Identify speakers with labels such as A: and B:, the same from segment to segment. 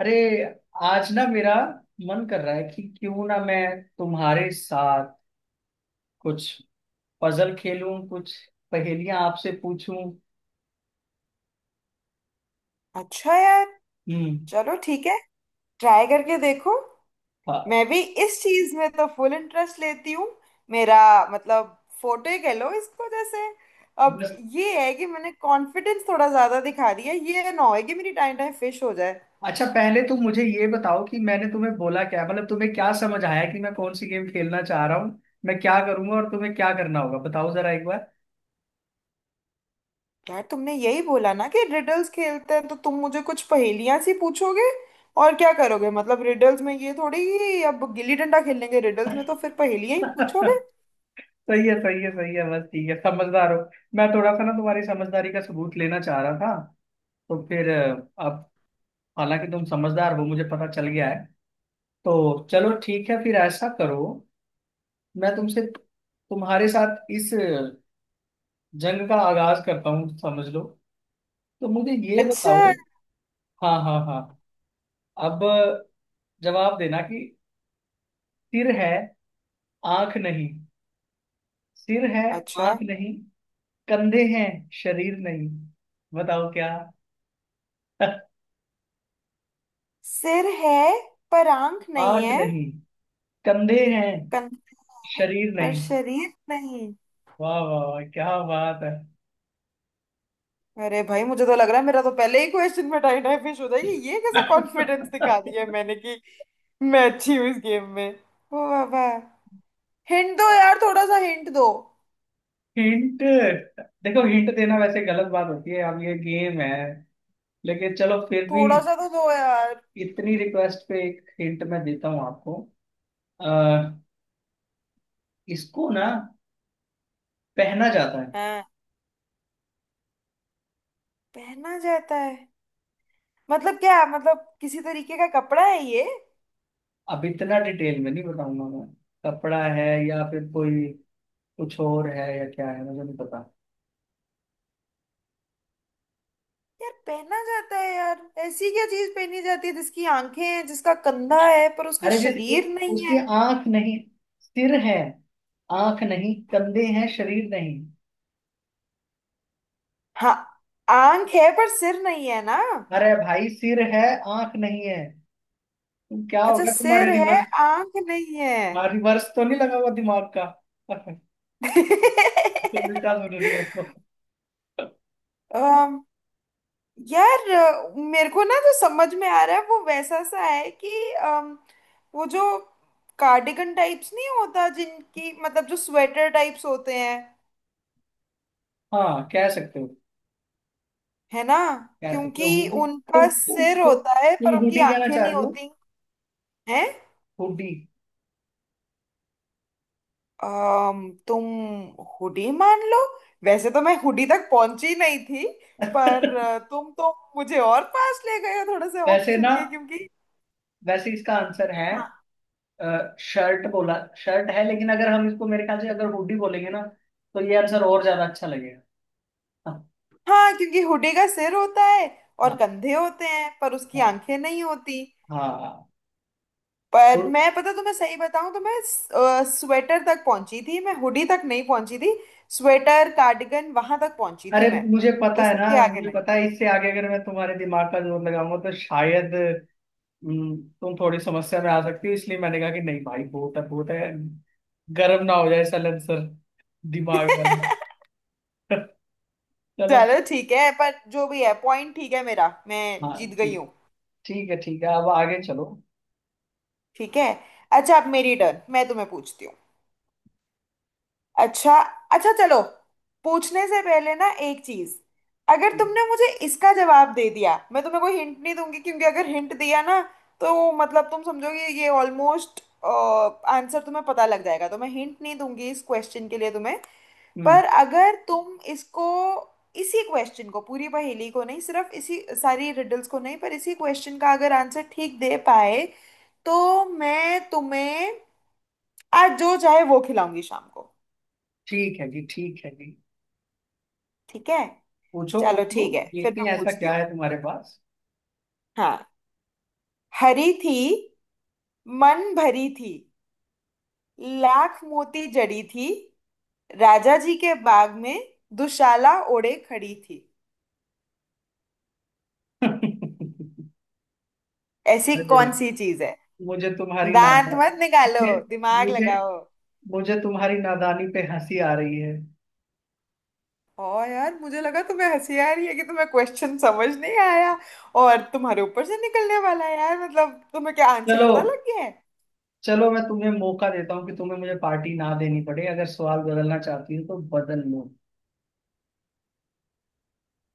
A: अरे, आज ना मेरा मन कर रहा है कि क्यों ना मैं तुम्हारे साथ कुछ पजल खेलूं, कुछ पहेलियां आपसे पूछूं।
B: अच्छा यार।
A: हम्म।
B: चलो ठीक है, ट्राई करके देखो।
A: हाँ।
B: मैं भी इस चीज में तो फुल इंटरेस्ट लेती हूँ। मेरा मतलब, फोटो ही कह लो इसको। जैसे अब
A: बस।
B: ये है कि मैंने कॉन्फिडेंस थोड़ा ज्यादा दिखा दिया, ये ना हो कि मेरी टाइम टाइम फिश हो जाए।
A: अच्छा, पहले तुम मुझे ये बताओ कि मैंने तुम्हें बोला क्या, मतलब तुम्हें क्या समझ आया कि मैं कौन सी गेम खेलना चाह रहा हूँ। मैं क्या करूंगा और तुम्हें क्या करना होगा, बताओ जरा एक बार।
B: यार तुमने यही बोला ना कि रिडल्स खेलते हैं, तो तुम मुझे कुछ पहेलियां सी पूछोगे और क्या करोगे। मतलब रिडल्स में ये थोड़ी कि अब गिल्ली डंडा खेलेंगे। रिडल्स में तो फिर पहेलियां ही पूछोगे।
A: सही है, सही है, सही है। बस ठीक है, समझदार हो। मैं थोड़ा सा ना तुम्हारी समझदारी का सबूत लेना चाह रहा था। तो फिर अब, हालांकि तुम समझदार हो, मुझे पता चल गया है। तो चलो ठीक है, फिर ऐसा करो। मैं तुमसे, तुम्हारे साथ इस जंग का आगाज करता हूँ, समझ लो। तो मुझे ये
B: अच्छा।
A: बताओ। हाँ, हाँ, हाँ। अब जवाब देना कि सिर है, आंख नहीं। सिर है,
B: अच्छा।
A: आंख नहीं, कंधे हैं, शरीर नहीं। बताओ क्या।
B: सिर है पर आंख नहीं
A: आंख
B: है।
A: नहीं, कंधे हैं,
B: कंधे
A: शरीर
B: पर
A: नहीं।
B: शरीर नहीं।
A: वाह वाह वाह, क्या बात है।
B: अरे भाई, मुझे तो लग रहा है मेरा तो पहले ही क्वेश्चन में टाई टाई फिश हो जाएगी। ये कैसा कॉन्फिडेंस दिखा दिया मैंने कि मैं अच्छी हूँ इस गेम में। ओ बाबा, हिंट दो यार, थोड़ा सा हिंट दो।
A: हिंट? देखो, हिंट देना वैसे गलत बात होती है, अब ये गेम है। लेकिन चलो फिर भी,
B: थोड़ा सा तो दो यार।
A: इतनी रिक्वेस्ट पे एक हिंट मैं देता हूँ आपको। अह, इसको ना पहना जाता है।
B: हाँ, पहना जाता है। मतलब क्या मतलब, किसी तरीके का कपड़ा है ये?
A: अब इतना डिटेल में नहीं बताऊंगा मैं। कपड़ा है या फिर कोई कुछ और है या क्या है, मुझे नहीं पता।
B: यार पहना जाता है यार, ऐसी क्या चीज पहनी जाती है जिसकी आंखें हैं, जिसका कंधा है पर उसका
A: अरे,
B: शरीर नहीं
A: उसकी
B: है?
A: आंख नहीं, सिर है। आंख नहीं, कंधे हैं, शरीर नहीं।
B: हाँ, आंख है पर सिर नहीं है ना।
A: अरे भाई, सिर है, आंख नहीं है। तुम क्या,
B: अच्छा,
A: होगा तुम्हारे
B: सिर है
A: रिवर्स?
B: आंख नहीं है।
A: हाँ, रिवर्स तो नहीं लगा हुआ दिमाग का। तो उल्टा सुन रही हो।
B: अम, यार मेरे को ना जो समझ में आ रहा है वो वैसा सा है कि अम, वो जो कार्डिगन टाइप्स नहीं होता, जिनकी मतलब जो स्वेटर टाइप्स होते हैं,
A: हाँ, कह सकते हो।
B: है ना?
A: कह सकते हो,
B: क्योंकि
A: हुडी। तुम
B: उनका
A: तुम
B: सिर
A: तुम
B: होता है
A: तुम
B: पर उनकी
A: हुडी कहना
B: आंखें
A: चाह
B: नहीं
A: रही हो।
B: होती हैं।
A: हुडी।
B: तुम हुडी मान लो। वैसे तो मैं हुडी तक पहुंची नहीं थी, पर तुम तो मुझे और पास ले गए हो थोड़े से
A: वैसे
B: ऑप्शन
A: ना
B: के। क्योंकि
A: वैसे इसका आंसर है
B: हाँ
A: शर्ट बोला। शर्ट है, लेकिन अगर हम इसको, मेरे ख्याल से, अगर हुडी बोलेंगे ना, तो ये आंसर और ज्यादा अच्छा लगेगा। हाँ,
B: हाँ, क्योंकि हुडी का सिर होता है और
A: हाँ,
B: कंधे होते हैं पर उसकी
A: हाँ,
B: आंखें नहीं होती।
A: हाँ, हाँ।
B: पर
A: तो
B: मैं पता तुम्हें सही बताऊं तो मैं स्वेटर तक पहुंची थी, मैं हुडी तक नहीं पहुंची थी। स्वेटर कार्डिगन वहां तक पहुंची थी
A: अरे,
B: मैं,
A: मुझे पता है ना,
B: उसके आगे
A: मुझे
B: नहीं।
A: पता है। इससे आगे अगर मैं तुम्हारे दिमाग का जोर लगाऊंगा तो शायद तुम थोड़ी समस्या में आ सकती हो, इसलिए मैंने कहा कि नहीं भाई, बहुत है बहुत है। गर्म ना हो जाए सल सर, दिमाग वाला। चलो।
B: चलो ठीक है, पर जो भी है पॉइंट ठीक है मेरा, मैं
A: हाँ,
B: जीत गई
A: ठीक।
B: हूँ।
A: ठीक है, ठीक है, अब आगे चलो।
B: ठीक है। अच्छा, अब मेरी टर्न, मैं तुम्हें पूछती हूँ। अच्छा। अच्छा चलो, पूछने से पहले ना एक चीज, अगर तुमने मुझे इसका जवाब दे दिया, मैं तुम्हें कोई हिंट नहीं दूंगी। क्योंकि अगर हिंट दिया ना तो मतलब तुम समझोगे, ये ऑलमोस्ट आंसर तुम्हें पता लग जाएगा। तो मैं हिंट नहीं दूंगी इस क्वेश्चन के लिए तुम्हें।
A: हम्म।
B: पर अगर तुम इसको, इसी क्वेश्चन को, पूरी पहेली को नहीं, सिर्फ इसी, सारी रिडल्स को नहीं, पर इसी क्वेश्चन का अगर आंसर ठीक दे पाए, तो मैं तुम्हें आज जो चाहे वो खिलाऊंगी शाम को।
A: ठीक है जी, ठीक है जी।
B: ठीक है।
A: पूछो,
B: चलो
A: पूछो।
B: ठीक है, फिर
A: देखते
B: मैं
A: हैं ऐसा
B: पूछती
A: क्या
B: हूँ।
A: है तुम्हारे पास।
B: हाँ, हरी थी, मन भरी थी, लाख मोती जड़ी थी, राजा जी के बाग में दुशाला ओढ़े खड़ी थी। ऐसी
A: अरे,
B: कौन सी चीज है?
A: मुझे तुम्हारी
B: दांत
A: नादा
B: मत निकालो,
A: मुझे
B: दिमाग
A: मुझे
B: लगाओ।
A: मुझे तुम्हारी नादानी पे हंसी आ रही है।
B: और यार मुझे लगा तुम्हें हंसी आ रही है कि तुम्हें क्वेश्चन समझ नहीं आया, और तुम्हारे ऊपर से निकलने वाला है यार। मतलब तुम्हें क्या आंसर
A: चलो,
B: पता लग गया है?
A: चलो, मैं तुम्हें मौका देता हूँ कि तुम्हें मुझे पार्टी ना देनी पड़े। अगर सवाल बदलना चाहती हो तो बदल लो।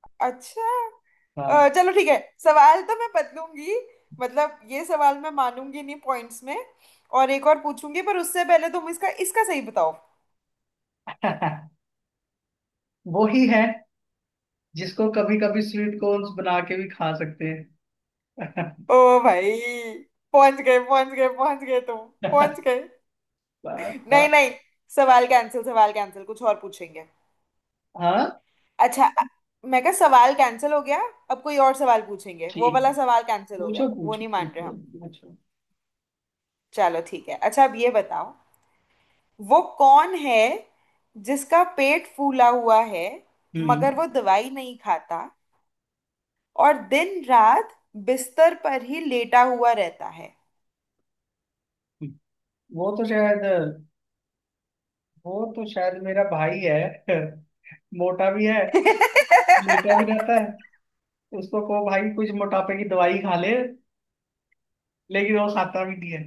B: अच्छा।
A: हाँ।
B: चलो ठीक है, सवाल तो मैं बदलूंगी। मतलब ये सवाल मैं मानूंगी नहीं पॉइंट्स में, और एक और पूछूंगी। पर उससे पहले तुम इसका, इसका सही बताओ।
A: वो ही है जिसको कभी कभी स्वीट कॉर्न्स बना के भी खा सकते हैं।
B: ओ भाई, पहुंच गए पहुंच गए पहुंच गए तुम, पहुंच गए।
A: बात,
B: नहीं
A: बात।
B: नहीं, सवाल कैंसिल, सवाल कैंसिल, कुछ और पूछेंगे।
A: हाँ,
B: अच्छा मैं कहा सवाल कैंसिल हो गया, अब कोई और सवाल पूछेंगे।
A: ठीक
B: वो
A: है।
B: वाला सवाल कैंसिल हो
A: पूछो,
B: गया, वो
A: पूछो,
B: नहीं मान रहे
A: पूछो,
B: हम।
A: पूछो।
B: चलो ठीक है, अच्छा अब ये बताओ, वो कौन है जिसका पेट फूला हुआ है, मगर
A: हम्म।
B: वो दवाई नहीं खाता, और दिन रात बिस्तर पर ही लेटा हुआ रहता है?
A: वो तो शायद, मेरा भाई है। मोटा भी है, लेटा भी रहता है। उसको कहो भाई कुछ मोटापे की दवाई खा ले, लेकिन वो खाता भी नहीं है।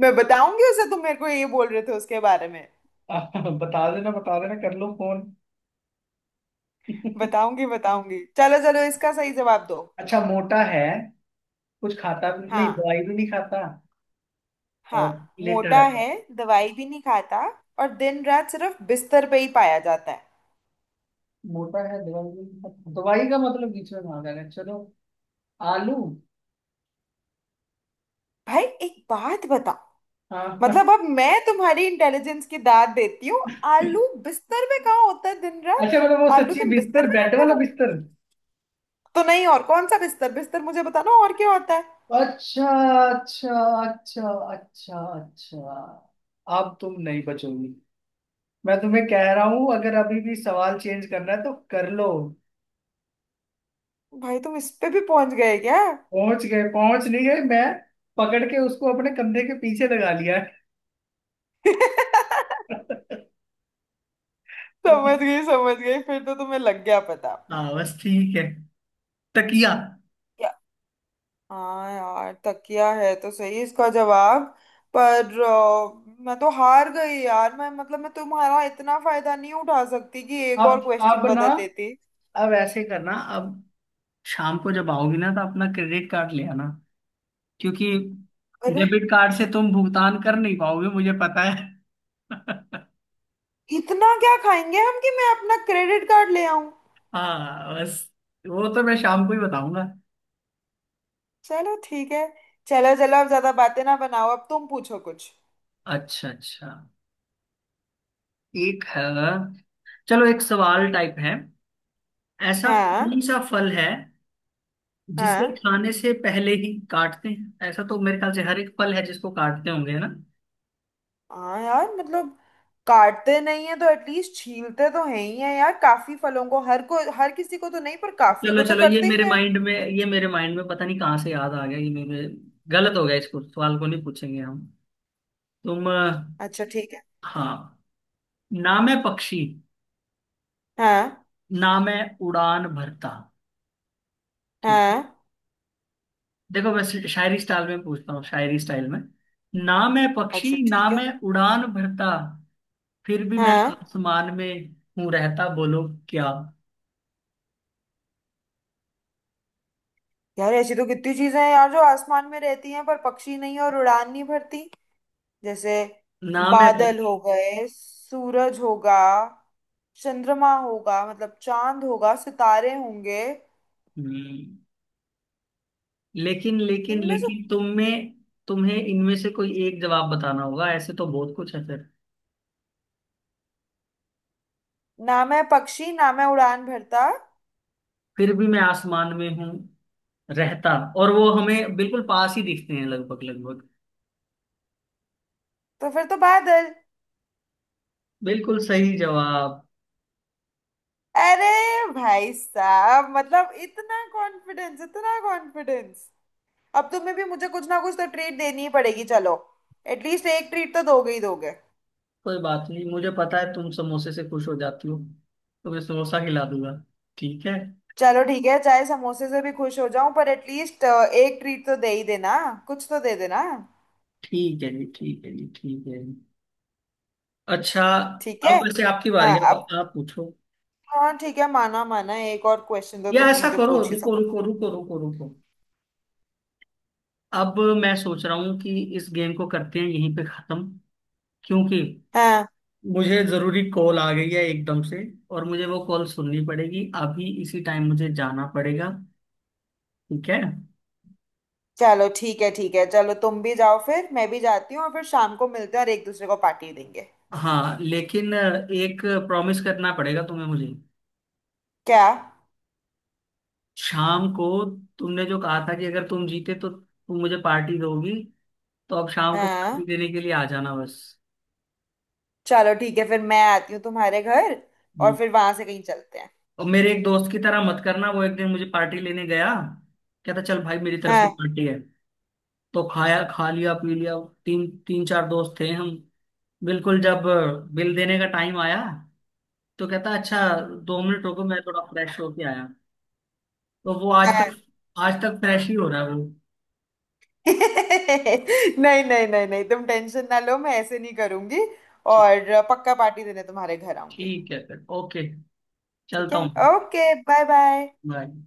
B: मैं बताऊंगी उसे, तुम मेरे को ये बोल रहे थे उसके बारे में।
A: बता देना, बता देना, कर लो फोन।
B: बताऊंगी बताऊंगी, चलो चलो इसका सही जवाब दो।
A: अच्छा, मोटा है, कुछ खाता भी नहीं,
B: हाँ।
A: दवाई भी नहीं खाता,
B: हाँ,
A: और लेटर
B: मोटा
A: रहता
B: है।
A: है।
B: दवाई भी नहीं खाता, और दिन रात सिर्फ बिस्तर पे ही पाया जाता है।
A: मोटा है, दवाई, दवाई का मतलब बीच में भागा है, चलो। आलू।
B: भाई एक बात,
A: हाँ।
B: मतलब अब मैं तुम्हारी इंटेलिजेंस की दाद देती हूँ। आलू बिस्तर में कहाँ होता है दिन रात?
A: अच्छा, मतलब वो
B: आलू
A: सच्ची
B: तुम
A: बिस्तर,
B: बिस्तर में
A: बेड
B: रखते
A: वाला
B: हो
A: बिस्तर?
B: तो? नहीं, और कौन सा बिस्तर बिस्तर, मुझे बताना और क्या होता है।
A: अच्छा, अच्छा, अच्छा, अच्छा, अच्छा। अब तुम नहीं बचोगी। मैं तुम्हें कह रहा हूं, अगर अभी भी सवाल चेंज करना है तो कर लो।
B: भाई तुम इस पे भी पहुंच गए क्या?
A: पहुंच गए, पहुंच नहीं गए मैं, पकड़ के उसको अपने कंधे के पीछे लगा लिया है।
B: समझ
A: मतलब।
B: गई समझ गई, फिर तो तुम्हें लग गया पता।
A: हाँ, बस ठीक है। तकिया।
B: क्या? हाँ यार, तकिया है तो सही इसका जवाब। पर मैं तो हार गई यार। मैं मतलब मैं तुम्हारा इतना फायदा नहीं उठा सकती कि एक और
A: अब
B: क्वेश्चन
A: अब ना,
B: बदल लेती।
A: अब ऐसे करना। अब शाम को जब आओगी ना तो अपना क्रेडिट कार्ड ले आना, क्योंकि डेबिट कार्ड से तुम भुगतान कर नहीं पाओगे, मुझे पता है।
B: इतना क्या खाएंगे हम कि मैं अपना क्रेडिट कार्ड ले आऊं?
A: हाँ बस, वो तो मैं शाम को ही बताऊंगा।
B: चलो ठीक है। चलो चलो, अब ज्यादा बातें ना बनाओ, अब तुम पूछो कुछ।
A: अच्छा, अच्छा। एक है, चलो, एक सवाल टाइप है। ऐसा कौन
B: हाँ।
A: सा फल है जिसे
B: हाँ।
A: खाने से पहले ही काटते हैं? ऐसा तो मेरे ख्याल से हर एक फल है, जिसको काटते होंगे, है ना।
B: हाँ यार, मतलब काटते नहीं है तो एटलीस्ट छीलते तो है ही है यार, काफी फलों को। हर को, हर किसी को तो नहीं पर काफी
A: चलो,
B: को तो
A: चलो, ये
B: करते ही
A: मेरे
B: है।
A: माइंड में, ये मेरे माइंड में पता नहीं कहाँ से याद आ गया ये मेरे। गलत हो गया, इसको सवाल को नहीं पूछेंगे हम। तुम
B: अच्छा ठीक है।
A: हाँ। नाम है पक्षी,
B: हाँ।
A: नाम है उड़ान भरता, ठीक।
B: हाँ,
A: देखो, मैं शायरी स्टाइल में पूछता हूँ, शायरी स्टाइल में। नाम है पक्षी,
B: अच्छा ठीक
A: नाम
B: है।
A: है उड़ान भरता, फिर भी मैं
B: हाँ
A: आसमान में हूँ रहता। बोलो क्या।
B: यार, ऐसी तो कितनी चीजें हैं यार जो आसमान में रहती हैं पर पक्षी नहीं और उड़ान नहीं भरती। जैसे
A: नाम है
B: बादल हो
A: पक्षी।
B: गए, सूरज होगा, चंद्रमा होगा, मतलब चांद होगा, सितारे होंगे।
A: हम्म, लेकिन लेकिन
B: इनमें से
A: लेकिन तुम्हें, तुम्हें इनमें से कोई एक जवाब बताना होगा। ऐसे तो बहुत कुछ है फिर।
B: ना मैं पक्षी, ना मैं उड़ान भरता।
A: फिर भी मैं आसमान में हूँ रहता, और वो हमें बिल्कुल पास ही दिखते हैं, लगभग लगभग।
B: तो फिर तो बादल।
A: बिल्कुल सही जवाब।
B: अरे भाई साहब, मतलब इतना कॉन्फिडेंस, इतना कॉन्फिडेंस। अब तुम्हें भी मुझे कुछ ना कुछ तो ट्रीट देनी ही पड़ेगी, चलो। एटलीस्ट एक ट्रीट तो दोगे ही दोगे।
A: कोई बात नहीं, मुझे पता है तुम समोसे से खुश हो जाती हो, तो मैं समोसा खिला दूंगा। ठीक है।
B: चलो ठीक है, चाहे समोसे से भी खुश हो जाऊं, पर एटलीस्ट एक ट्रीट तो दे ही देना, कुछ तो दे देना।
A: ठीक है जी, ठीक है जी, ठीक है जी। अच्छा।
B: ठीक है।
A: अब वैसे आपकी बारी
B: हाँ।
A: है, अब आप पूछो।
B: हाँ ठीक है, माना माना, एक और क्वेश्चन तो
A: या
B: तुम
A: ऐसा
B: मुझे
A: करो,
B: पूछ ही
A: रुको,
B: सकते हो।
A: रुको, रुको, रुको, रुको। अब मैं सोच रहा हूँ कि इस गेम को करते हैं यहीं पे खत्म, क्योंकि
B: हाँ।
A: मुझे जरूरी कॉल आ गई है एकदम से, और मुझे वो कॉल सुननी पड़ेगी। अभी इसी टाइम मुझे जाना पड़ेगा, ठीक है?
B: चलो ठीक है, ठीक है, चलो तुम भी जाओ फिर, मैं भी जाती हूँ, और फिर शाम को मिलते हैं और एक दूसरे को पार्टी देंगे।
A: हाँ, लेकिन एक प्रॉमिस करना पड़ेगा तुम्हें मुझे।
B: क्या?
A: शाम को, तुमने जो कहा था कि अगर तुम जीते तो तुम मुझे पार्टी दोगी, तो अब शाम को
B: हाँ,
A: पार्टी देने के लिए आ जाना, बस।
B: चलो ठीक है, फिर मैं आती हूँ तुम्हारे घर और
A: हम्म।
B: फिर वहां से कहीं चलते हैं।
A: और मेरे एक दोस्त की तरह मत करना, वो एक दिन मुझे पार्टी लेने गया। कहता, चल भाई, मेरी तरफ से
B: हाँ।
A: पार्टी है। तो खाया, खा लिया, पी लिया। तीन तीन चार दोस्त थे हम। बिल्कुल जब बिल देने का टाइम आया, तो कहता, अच्छा, 2 मिनट रुको, मैं थोड़ा फ्रेश होके आया। तो वो आज
B: हाँ।
A: तक, आज तक फ्रेश ही हो रहा है वो।
B: नहीं नहीं नहीं नहीं, तुम टेंशन ना लो, मैं ऐसे नहीं करूंगी।
A: ठीक।
B: और पक्का पार्टी देने तुम्हारे घर आऊंगी।
A: ठीक है फिर। ओके,
B: ठीक
A: चलता
B: है।
A: हूँ।
B: Okay, bye bye.
A: बाय।